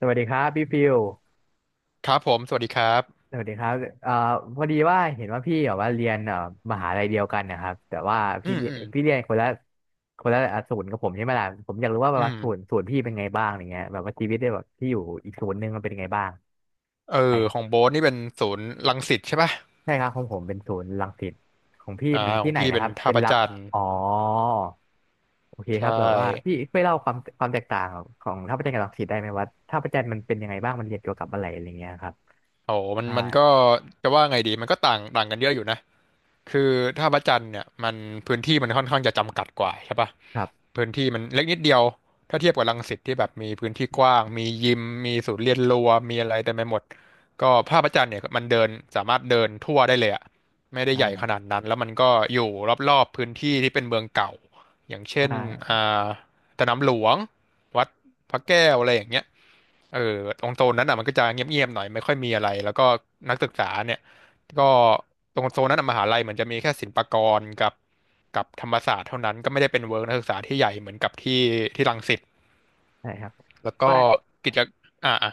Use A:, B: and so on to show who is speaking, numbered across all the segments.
A: สวัสดีครับพี่ฟิว
B: ครับผมสวัสดีครับ
A: สวัสดีครับเอ่อพอดีว่าเห็นว่าพี่แบบว่าเรียนมหาลัยเดียวกันนะครับแต่ว่า
B: อืม อืม
A: พี่เรียนคนละอ่ะศูนย์กับผมใช่ไหมล่ะผมอยากรู้ว่าแบ
B: อื
A: บว่า
B: ม
A: ศูนย์พี่เป็นไงบ้างอย่างเงี้ยแบบว่าชีวิตได้แบบที่อยู่อีกศูนย์หนึ่งมันเป็นยังไงบ้าง
B: เอ
A: ใช่
B: อ
A: ครั
B: ของ
A: บ
B: โบ๊ทนี่เป็นศูนย์รังสิตใช่ป่ะ
A: ใช่ครับของผมเป็นศูนย์รังสิตของพี่เป็น
B: ขอ
A: ที่
B: ง
A: ไหน
B: พี่
A: นะ
B: เป็
A: ค
B: น
A: รับ
B: ท่า
A: เป็น
B: พระ
A: รับ
B: จันทร์
A: อ๋อโอเคค
B: ใช่
A: รับแบบว่าพี่ช่วยเล่าความแตกต่างของท่าพระจันทร์กับรังสิตได้ไหมว่าท่าพระจันทร์มันเป็นยังไงบ้างมันเรียนเกี่ยวกับอะไรอะไรเงี้ยครับ
B: โอ้มัน
A: ใช่
B: มันก็จะว่าไงดีมันก็ต่างต่างกันเยอะอยู่นะคือถ้าพระจันทร์เนี่ยมันพื้นที่มันค่อนข้างจะจำกัดกว่าใช่ปะ
A: ครับ
B: พื้นที่มันเล็กนิดเดียวถ้าเทียบกับรังสิตที่แบบมีพื้นที่กว้างมียิมมีศูนย์เรียนรู้มีอะไรเต็มไปหมดก็ภาพพระจันทร์เนี่ยมันเดินสามารถเดินทั่วได้เลยอะไม่ได้ใหญ่
A: อ่า
B: ขนาดนั้นแล้วมันก็อยู่รอบๆพื้นที่ที่เป็นเมืองเก่าอย่าง
A: ใช
B: เช่น
A: ่
B: อ่าสนามหลวงวัดพระแก้วอะไรอย่างเงี้ย เออตรงโซนนั้นอ่ะมันก็จะเงียบๆหน่อยไม่ค่อยมีอะไรแล้วก็นักศึกษาเนี่ยก็ตรงโซนนั้นอะมหาลัยเหมือนจะมีแค่ศิลปากรกับธรรมศาสตร์เท่านั้นก็ไม่ได้เป็นเวิร์กนักศึกษาที่ใหญ่เหมือนกับที่รังสิต
A: ใช่ครับ
B: แล้วก็
A: ว่า
B: กิจอ่ะอ่ะ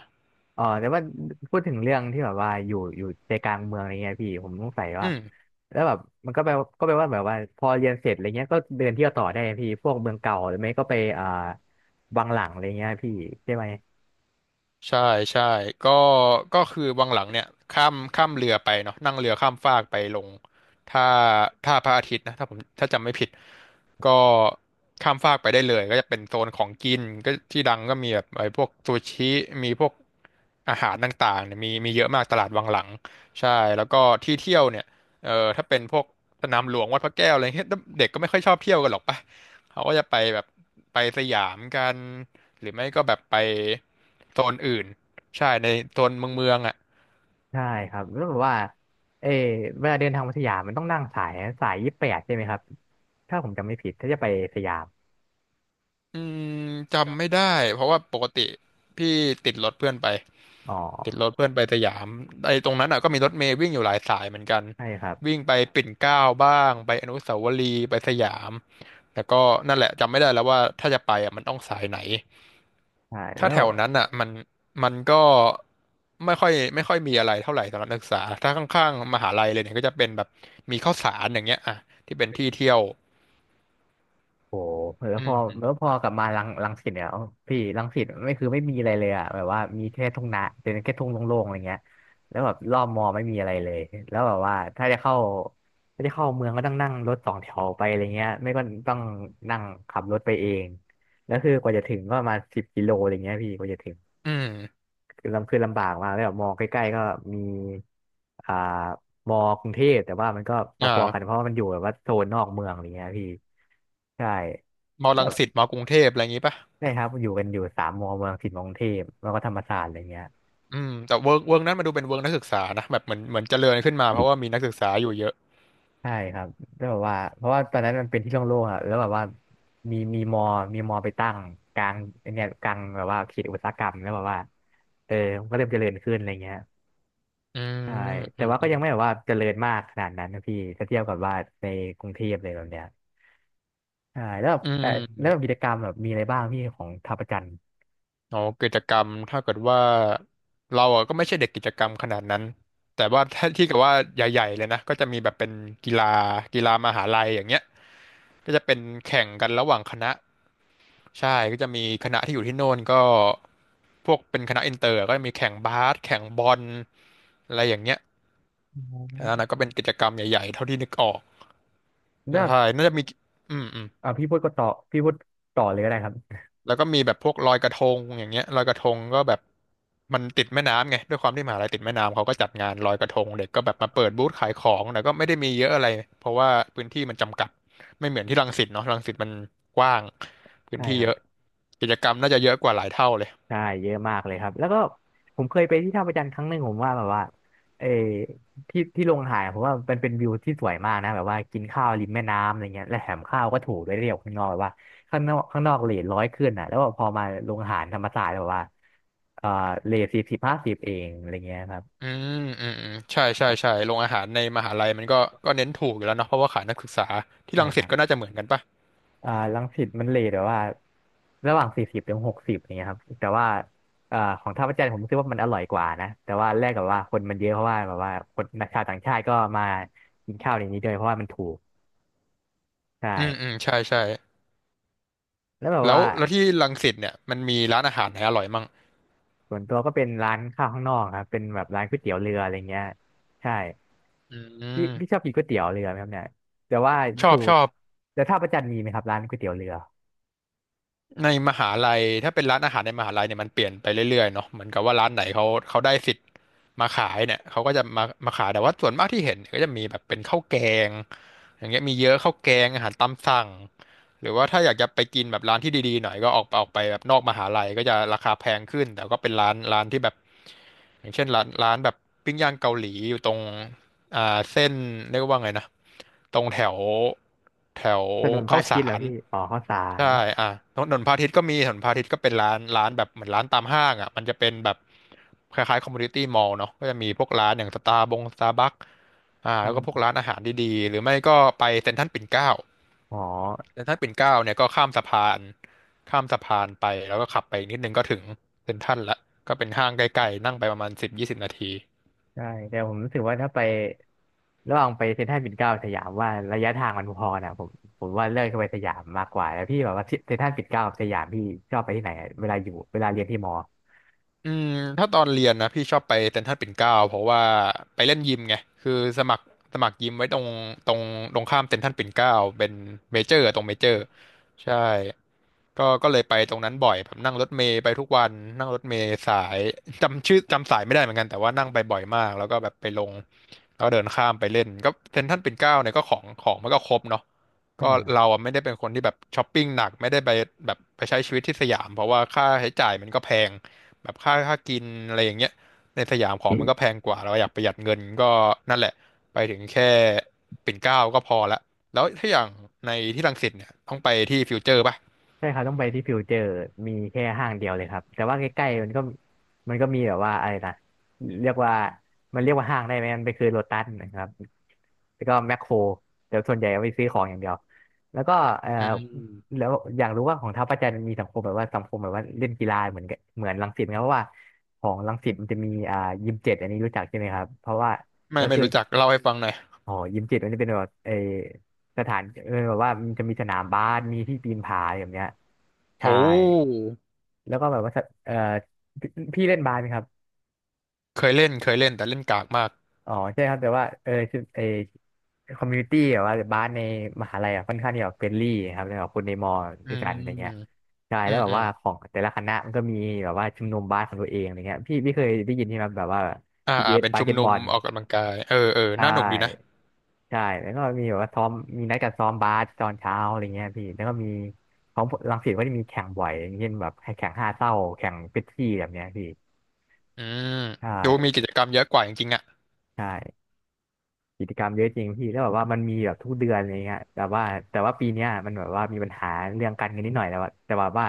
A: อ๋อแต่ว่าพูดถึงเรื่องที่แบบว่าอยู่ใจกลางเมืองอะไรเงี้ยพี่ผมสงสัย
B: อื
A: ว่า
B: ม
A: แล้วแบบมันก็แปลก็แปลว่าแบบว่าพอเรียนเสร็จอะไรเงี้ยก็เดินเที่ยวต่อได้พี่พวกเมืองเก่าหรือไม่ก็ไปวังหลังอะไรเงี้ยพี่ใช่ไหม
B: ใช่ใช่ก็ก็คือวังหลังเนี่ยข้ามเรือไปเนาะนั่งเรือข้ามฟากไปลงท่าท่าพระอาทิตย์นะถ้าผมถ้าจำไม่ผิดก็ข้ามฟากไปได้เลยก็จะเป็นโซนของกินก็ที่ดังก็มีแบบไอ้พวกซูชิมีพวกอาหารต่างๆเนี่ยมีเยอะมากตลาดวังหลังใช่แล้วก็ที่เที่ยวเนี่ยเออถ้าเป็นพวกสนามหลวงวัดพระแก้วอะไรเงี้ยเด็กก็ไม่ค่อยชอบเที่ยวกันหรอกปะเขาก็จะไปแบบไปสยามกัน หรือไม่ก็แบบไปโซนอื่นใช่ในโซนเมืองอ่ะ
A: ใช่ครับแล้วแบบว่าเออเวลาเดินทางมาสยามมันต้องนั่งสาย 28ใช่ไหมครับถ้าผมจำไม่ผิดถ้าจะไปสยาม
B: อืมจำไม่ได้เพราะว่าปกติพี่ติดรถเพื่อนไป
A: อ๋
B: ติด
A: อ
B: รถเพื่อนไปสยามไอ้ตรงนั้นอ่ะก็มีรถเมล์วิ่งอยู่หลายสายเหมือนกัน
A: ใช่ครับ
B: วิ่งไปปิ่นเกล้าบ้างไปอนุสาวรีย์ไปสยามแล้วก็นั่นแหละจำไม่ได้แล้วว่าถ้าจะไปอ่ะมันต้องสายไหน
A: ใช่
B: ถ้า
A: แล้
B: แถ
A: ว
B: วนั้นอ่ะมันก็ไม่ค่อยมีอะไรเท่าไหร่สำหรับนักศึกษาถ้าข้างๆมหาลัยเลยเนี่ยก็จะเป็นแบบมีข้าวสารอย่างเงี้ยอ่ะที่เป็นที่เที่ยว
A: โอ้โหแล้ว
B: อื
A: พอ
B: ม
A: กลับมารังสิตเนี่ยเอาพี่รังสิตไม่คือไม่มีอะไรเลยอะแบบว่ามีแค่ทุ่งนาเป็นแค่ทุ่งโล่งๆอะไรเงี้ยแล้วแบบรอบมอไม่มีอะไรเลยแล้วแบบว่าถ้าจะเข้าเมืองก็ต้องนั่งรถสองแถวไปอะไรเงี้ยไม่ก็ต้องนั่งขับรถไปเองแล้วคือกว่าจะถึงก็ประมาณ10 กิโลอะไรเงี้ยพี่กว่าจะถึง
B: อืม
A: คือลำคือลำบากมากแล้วแบบมอใกล้ๆก็มีอ่ามอกรุงเทพแต่ว่ามันก็พอๆกันเพ
B: อ่า
A: ราะว่ามันอยู่แบบว่าโซนนอกเมืองอะไรเงี้ยพี่ใช่
B: มอรังสิตมอกรุงเทพอะไรอย่างงี้ป่ะ
A: ใช่ครับอยู่สามมอเมืองสิทธิ์มกรุงเทพแล้วก็ธรรมศาสตร์อะไรเงี้ย
B: อืมแต่เวิร์กนั้นมาดูเป็นเวิร์กนักศึกษานะแบบเหมือนเจริญขึ้นมาเพราะว่ามีนักศึกษาอยู่เยอะ
A: ใช่ครับแล้วแบบว่าเพราะว่าตอนนั้นมันเป็นที่โล่งๆอ่ะแล้วแบบว่ามีมีมอมีมอไปตั้งกลางไอ้เนี่ยกลางแบบว่าเขตอุตสาหกรรมแล้วแบบว่าเออมันก็เริ่มเจริญขึ้นอะไรเงี้ย
B: อื
A: ใช่
B: ม
A: แต่
B: อืม
A: ว่าก็
B: อืม
A: ยังไม่แบบว่าเจริญมากขนาดนั้นนะพี่ถ้าเทียบกับว่าในกรุงเทพเลยแบบเนี้ยใช่แล้วแบบ
B: อื
A: แล้วแบบกิ
B: ม
A: จกรรมแบบมีอะไรบ้างพี่ของท่าประจันทร์
B: อ๋อกิจกรรมถ้าเกิดว่าเราอ่ะก็ไม่ใช่เด็กกิจกรรมขนาดนั้นแต่ว่า ถ้าที่กับว่าใหญ่ๆเลยนะก็จะมีแบบเป็นกีฬากีฬามหาลัยอย่างเงี้ยก็จะเป็นแข่งกันระหว่างคณะใช่ก็จะมีคณะที่อยู่ที่โน่นก็พวกเป็นคณะอินเตอร์ก็จะมีแข่งบาสแข่งบอลอะไรอย่างเงี้ย
A: อ๋
B: อัน
A: อ
B: นั้นก็เป็นกิจกรรมใหญ่ๆเท่าที่นึกออก
A: แล้วแบ
B: ใช่
A: บ
B: น่าจะมีอืมอืม
A: เอ่าพี่พูดก็ต่อพี่พูดต่อเลยก็ได้ครับ
B: แล้วก็มีแบบพวกลอยกระทงอย่างเงี้ยลอยกระทงก็แบบมันติดแม่น้ำไงด้วยความที่มหาลัยติดแม่น้ำเขาก็จัดงานลอยกระทงเด็กก็แบบมาเปิดบูธขายของแต่ก็ไม่ได้มีเยอะอะไรเพราะว่าพื้นที่มันจำกัดไม่เหมือนที่รังสิตเนาะรังสิตมันกว้างพื้น
A: ใช่
B: ที่
A: ครั
B: เย
A: บ
B: อะกิจกรรมน่าจะเยอะกว่าหลายเท่าเลย
A: ใช่เยอะมากเลยครับแล้วก็ผมเคยไปที่ท่าพระจันทร์ครั้งหนึ่งผมว่าแบบว่าเออที่ที่ลงอาหารผมว่ามันเป็นวิวที่สวยมากนะแบบว่ากินข้าวริมแม่น้ำอะไรเงี้ยและแถมข้าวก็ถูกด้วยเรียกข้างนอกแบบว่าข้างนอกเรท 100ขึ้นอ่ะแล้วพอมาลงอาหารธรรมศาสตร์แบบว่าเออเรท40 50เองอะไรเงี้ยครับ
B: อืมอืมอืมใช่ใช่ใช่โรงอาหารในมหาลัยมันก็ก็เน้นถูกอยู่แล้วเนาะเพราะว่าขายนักศึกษาที่
A: ใช่
B: รัง
A: ค
B: สิ
A: รั
B: ตก็น่า
A: บ
B: จะเหมือนกันปะ
A: อ่ารังสิตมันเลทแบบว่าระหว่าง40 ถึง 60อย่างเงี้ยครับแต่ว่าอ่าของท่าพระจันทร์ผมรู้สึกว่ามันอร่อยกว่านะแต่ว่าแรกกับว่าคนมันเยอะเพราะว่าแบบว่าชาวต่างชาติก็มากินข้าวในนี้ด้วยเพราะว่ามันถูกใช่
B: อืมอืมใช่ใช่
A: แล้วแบบว่า
B: แล้วที่รังสิตเนี่ยมันมีร้านอาหารไหนอร่อยมั่ง
A: ส่วนตัวก็เป็นร้านข้าวข้างนอกครับเป็นแบบร้านก๋วยเตี๋ยวเรืออะไรเงี้ยใช่
B: อืม
A: พี่ชอบกินก๋วยเตี๋ยวเรือไหมครับเนี่ยแต่ว่า
B: ชอ
A: ชู
B: บชอบ
A: แต่ท่าพระจันทร์มีไหมครับร้านก๋วยเตี๋ยวเรือ
B: ในมหาลัยถ้าเป็นร้านอาหารในมหาลัยเนี่ยมันเปลี่ยนไปเรื่อยๆเนาะเหมือนกับว่าร้านไหนเขาได้สิทธิ์มาขายเนี่ยเขาก็จะมาขายแต่ว่าส่วนมากที่เห็นเนี่ยก็จะมีแบบเป็นข้าวแกงอย่างเงี้ยมีเยอะข้าวแกงอาหารตามสั่ง หรือว่าถ้าอยากจะไปกินแบบร้านที่ดีๆหน่อยก็ออกไปแบบนอกมหาลัยก็จะราคาแพงขึ้นแต่ก็เป็นร้านที่แบบอย่างเช่นร้านแบบปิ้งย่างเกาหลีอยู่ตรงเส้นเรียกว่าไงนะตรงแถวแถว
A: ถนนพระ
B: ข้าว
A: อาทิตย์
B: สา
A: เหรอ
B: ร
A: พี่อ๋อข้าวสาร
B: ใช่อ่ะถนนพาทิตย์ก็มีถนนพาทิตย์ก็เป็นร้านแบบเหมือนร้านตามห้างอ่ะมันจะเป็นแบบคล้ายๆคอมมูนิตี้มอลล์เนาะก็จะมีพวกร้านอย่างสตาร์บัคแล้วก็พวกร้านอาหารดีๆหรือไม่ก็ไปเซ็นทรัลปิ่นเกล้า
A: อ๋อ
B: แล้วถ้าปิ่นเกล้าเนี่ยก็ข้ามสะพานไปแล้วก็ขับไปนิดนึงก็ถึงเซ็นทรัลละก็เป็นห้างใกล้ๆนั่งไปประมาณสิบยี่สิบนาที
A: ใช่แต่ผมรู้สึกว่าถ้าไประหว่างไปเซ็นทรัลปิ่นเกล้าสยามว่าระยะทางมันพอนะผมว่าเลือกจะไปสยามมากกว่าแล้วพี่แบบว่าเซ็นทรัลปิ่นเกล้ากับสยามพี่ชอบไปที่ไหนอะเวลาเรียนที่มอ
B: อืมถ้าตอนเรียนนะพี่ชอบไปเซ็นทรัลปิ่นเกล้าเพราะว่าไปเล่นยิมไงคือสมัครสมัครยิมไว้ตรงตรงข้ามเซ็นทรัลปิ่นเกล้าเป็นเมเจอร์ตรงเมเจอร์ใช่ก็เลยไปตรงนั้นบ่อยแบบนั่งรถเมล์ไปทุกวันนั่งรถเมล์สายจำชื่อจำสายไม่ได้เหมือนกันแต่ว่านั่งไปบ่อยมากแล้วก็แบบไปลงแล้วก็เดินข้ามไปเล่นก็เซ็นทรัลปิ่นเกล้าเนี่ยก็ของมันก็ครบเนาะก็
A: ใช่
B: เราอะไม่ได้เป็นคนที่แบบช้อปปิ้งหนักไม่ได้ไปแบบไปใช้ชีวิตที่สยามเพราะว่าค่าใช้จ่ายมันก็แพง แบบค่ากินอะไรอย่างเงี้ยในสยามของมันก็แพงกว่าเราอยากประหยัดเงินก็นั่นแหละไปถึงแค่ปิ่นเกล้าก็พอละแล้วถ้าอย่างในที่รังสิตเนี่ยต้องไปที่ฟิวเจอร์ป่ะ
A: ใช่ครับต้องไปที่ฟิวเจอร์มีแค่ห้างเดียวเลยครับแต่ว่าใกล้ๆมันก็มีแบบว่าอะไรนะเรียกว่ามันเรียกว่าห้างได้ไหมมันเปนคือโลตัสนะครับแล้วก็แมคโครแต่ส่วนใหญ่เอาไปซื้อของอย่างเดียวแล้วก็เอ่อ
B: อืม
A: แล้วอยากรู้ว่าของท้าวประจันทร์มีสังคมแบบว่าสังคมแบบว่าเล่นกีฬาเหมือนรังสิตไหมครับเพราะว่าของรังสิตมันจะมียิม 7อันนี้รู้จักใช่ไหมครับเพราะว่าแล้
B: ไม่
A: ว
B: ไม่
A: คือ
B: รู้จักเล่าให้ฟังหน่อย
A: อ๋อยิมจิตมันจะเป็นแบบสถานแบบว่ามันจะมีสนามบาสมีที่ปีนผาอย่างเงี้ย
B: โอ้
A: ใช่แล้วก็แบบว่าสะเออพี่เล่นบาสไหมครับ
B: เคยเล่นแต่เล่นกากมาก
A: อ๋อใช่ครับแต่ว่าคือคอมมูนิตี้แบบว่าบาสในมหาลัยอะค่อนข้างที่แบบเฟรนลี่ครับแล้วแบบคนในมอ
B: อื
A: ด้วยกันอะไรเงี้ย
B: ม
A: ใช่
B: อื
A: แล้ว
B: ม
A: แบบ
B: อืม
A: ว่าของแต่ละคณะมันก็มีแบบว่าชุมนุมบาสของตัวเองอะไรเงี้ยพี่เคยได้ยินใช่ไหมแบบว่า
B: อ่า
A: ทีบี
B: อ่า
A: เอส
B: เป็น
A: บาส
B: ชุ
A: เก
B: ม
A: ตบ
B: นุ
A: อ
B: ม
A: ล
B: ออกกำลังกายเออเออ
A: ใช
B: น่าหนุกดีนะ
A: ่ ใช่แล้วก็มีแบบว่าซ้อมมีนัดกันซ้อมบาสตอนเช้าอะไรเงี้ยพี่แล้วก็มีของรังสิตก็จะมีแข่งบ่อยอย่างเช่นแบบให้แข่งห้าเศร้าแข่งเป็ปซี่แบบเนี้ยพี่
B: อืม
A: ใช่
B: ดูมีกิจกรรมเยอะกว่าจริงๆอ่ะ
A: ใช่กิจกรรมเยอะจริงพี่แล้วแบบว่ามันมีแบบทุกเดือนอะไรเงี้ยแต่ว่าปีเนี้ยมันแบบว่ามีปัญหาเรื่องการเงินนิดหน่อยแต่ว่า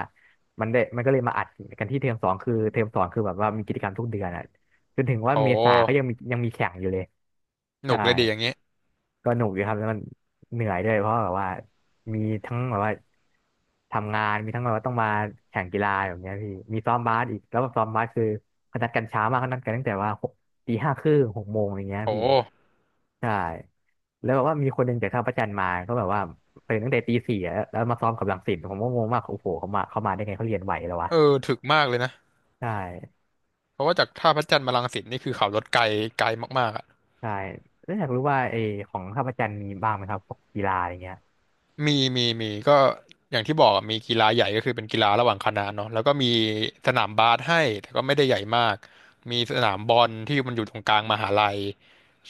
A: มันได้มันก็เลยมาอัดกันที่เทอมสองคือเทอมสองคือแบบว่ามีกิจกรรมทุกเดือนอ่ะจนถึงว่า
B: โอ้
A: เมษาก็ยังมีแข่งอยู่เลย
B: หนุ
A: ใช่
B: กเลยดีอย่างงี้
A: ก็หนุกอยู่ครับแล้วมันเหนื่อยด้วยเพราะแบบว่ามีทั้งแบบว่าทำงานมีทั้งแบบว่าต้องมาแข่งกีฬาแบบเนี้ยพี่มีซ้อมบาสอีกแล้วแบบซ้อมบาสคือเขานัดกันเช้ามากเขานัดกันตั้งแต่ว่าตีห้าครึ่งหกโมงอย่างเงี้ย
B: โอ้
A: พี่ใช่แล้วแบบว่ามีคนหนึ่งจากท่าพระจันทร์มาก็แบบว่าตื่นตั้งแต่ตีสี่อะแล้วมาซ้อมกับรังสิตผมก็งงมากโอ้โหเขามาได้ไงเขาเรียนไหวแล้ววะ
B: เออถึกมากเลยนะ
A: ใช่
B: เพราะว่าจากท่าพระจันทร์มารังสิตนี่คือขับรถไกลไกลมากๆอ่ะ
A: ใช่แล้วอยากรู้ว่าไอของท่าพระจันทร์มีบ้างไหมครับพวกกีฬาอย่างเงี้ย
B: มีก็อย่างที่บอกอะมีกีฬาใหญ่ก็คือเป็นกีฬาระหว่างคณะเนาะแล้วก็มีสนามบาสให้แต่ก็ไม่ได้ใหญ่มากมีสนามบอลที่มันอยู่ตรงกลางมหาลัย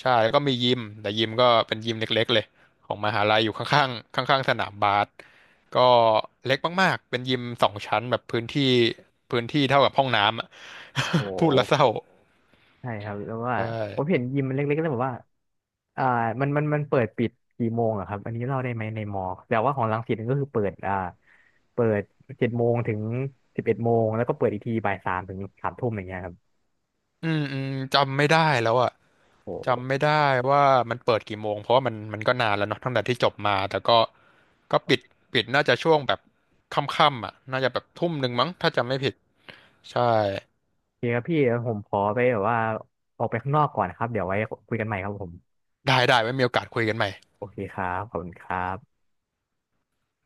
B: ใช่แล้วก็มียิมแต่ยิมก็เป็นยิมเล็กๆเลยของมหาลัยอยู่ข้างๆข้างๆสนามบาสก็เล็กมากๆเป็นยิมสองชั้นแบบพื้นที่เท่ากับห้องน้ำอะ
A: โอ
B: พูดแล้วเศร้า
A: ้ ใช่ครับแล้วว่า
B: ใช่
A: ผมเห็นยิมมันเล็กๆแล้วแบบว่าอ่ามันเปิดปิดกี่โมงอะครับอันนี้เล่าได้ไหมในมอแต่ว่าของรังสิตนี่ก็คือเปิดเปิดเจ็ดโมงถึงสิบเอ็ดโมงแล้วก็เปิดอีกทีบ่ายสามถึงสามทุ่มอย่างเงี้ยครับ
B: อืมอืมจำไม่ได้แล้วอ่ะ
A: โอ้
B: จำไม่
A: โ
B: ได้ว่ามันเปิดกี่โมงเพราะว่ามันมันก็นานแล้วเนาะตั้งแต่ที่จบมาแต่ก็ก็ปิดน่าจะช่วงแบบค่ำๆอ่ะน่าจะแบบทุ่มหนึ่งมั้งถ้าจำไม่ผิดใช่
A: อเคครับพี่เดี๋ยวผมขอไปแบบว่าออกไปข้างนอกก่อนนะครับเดี๋ยวไว้คุยกันใหม่ครับผม
B: ได้ไว้มีโอกาสคุยกันใหม่
A: โอเคครับขอบคุณครับ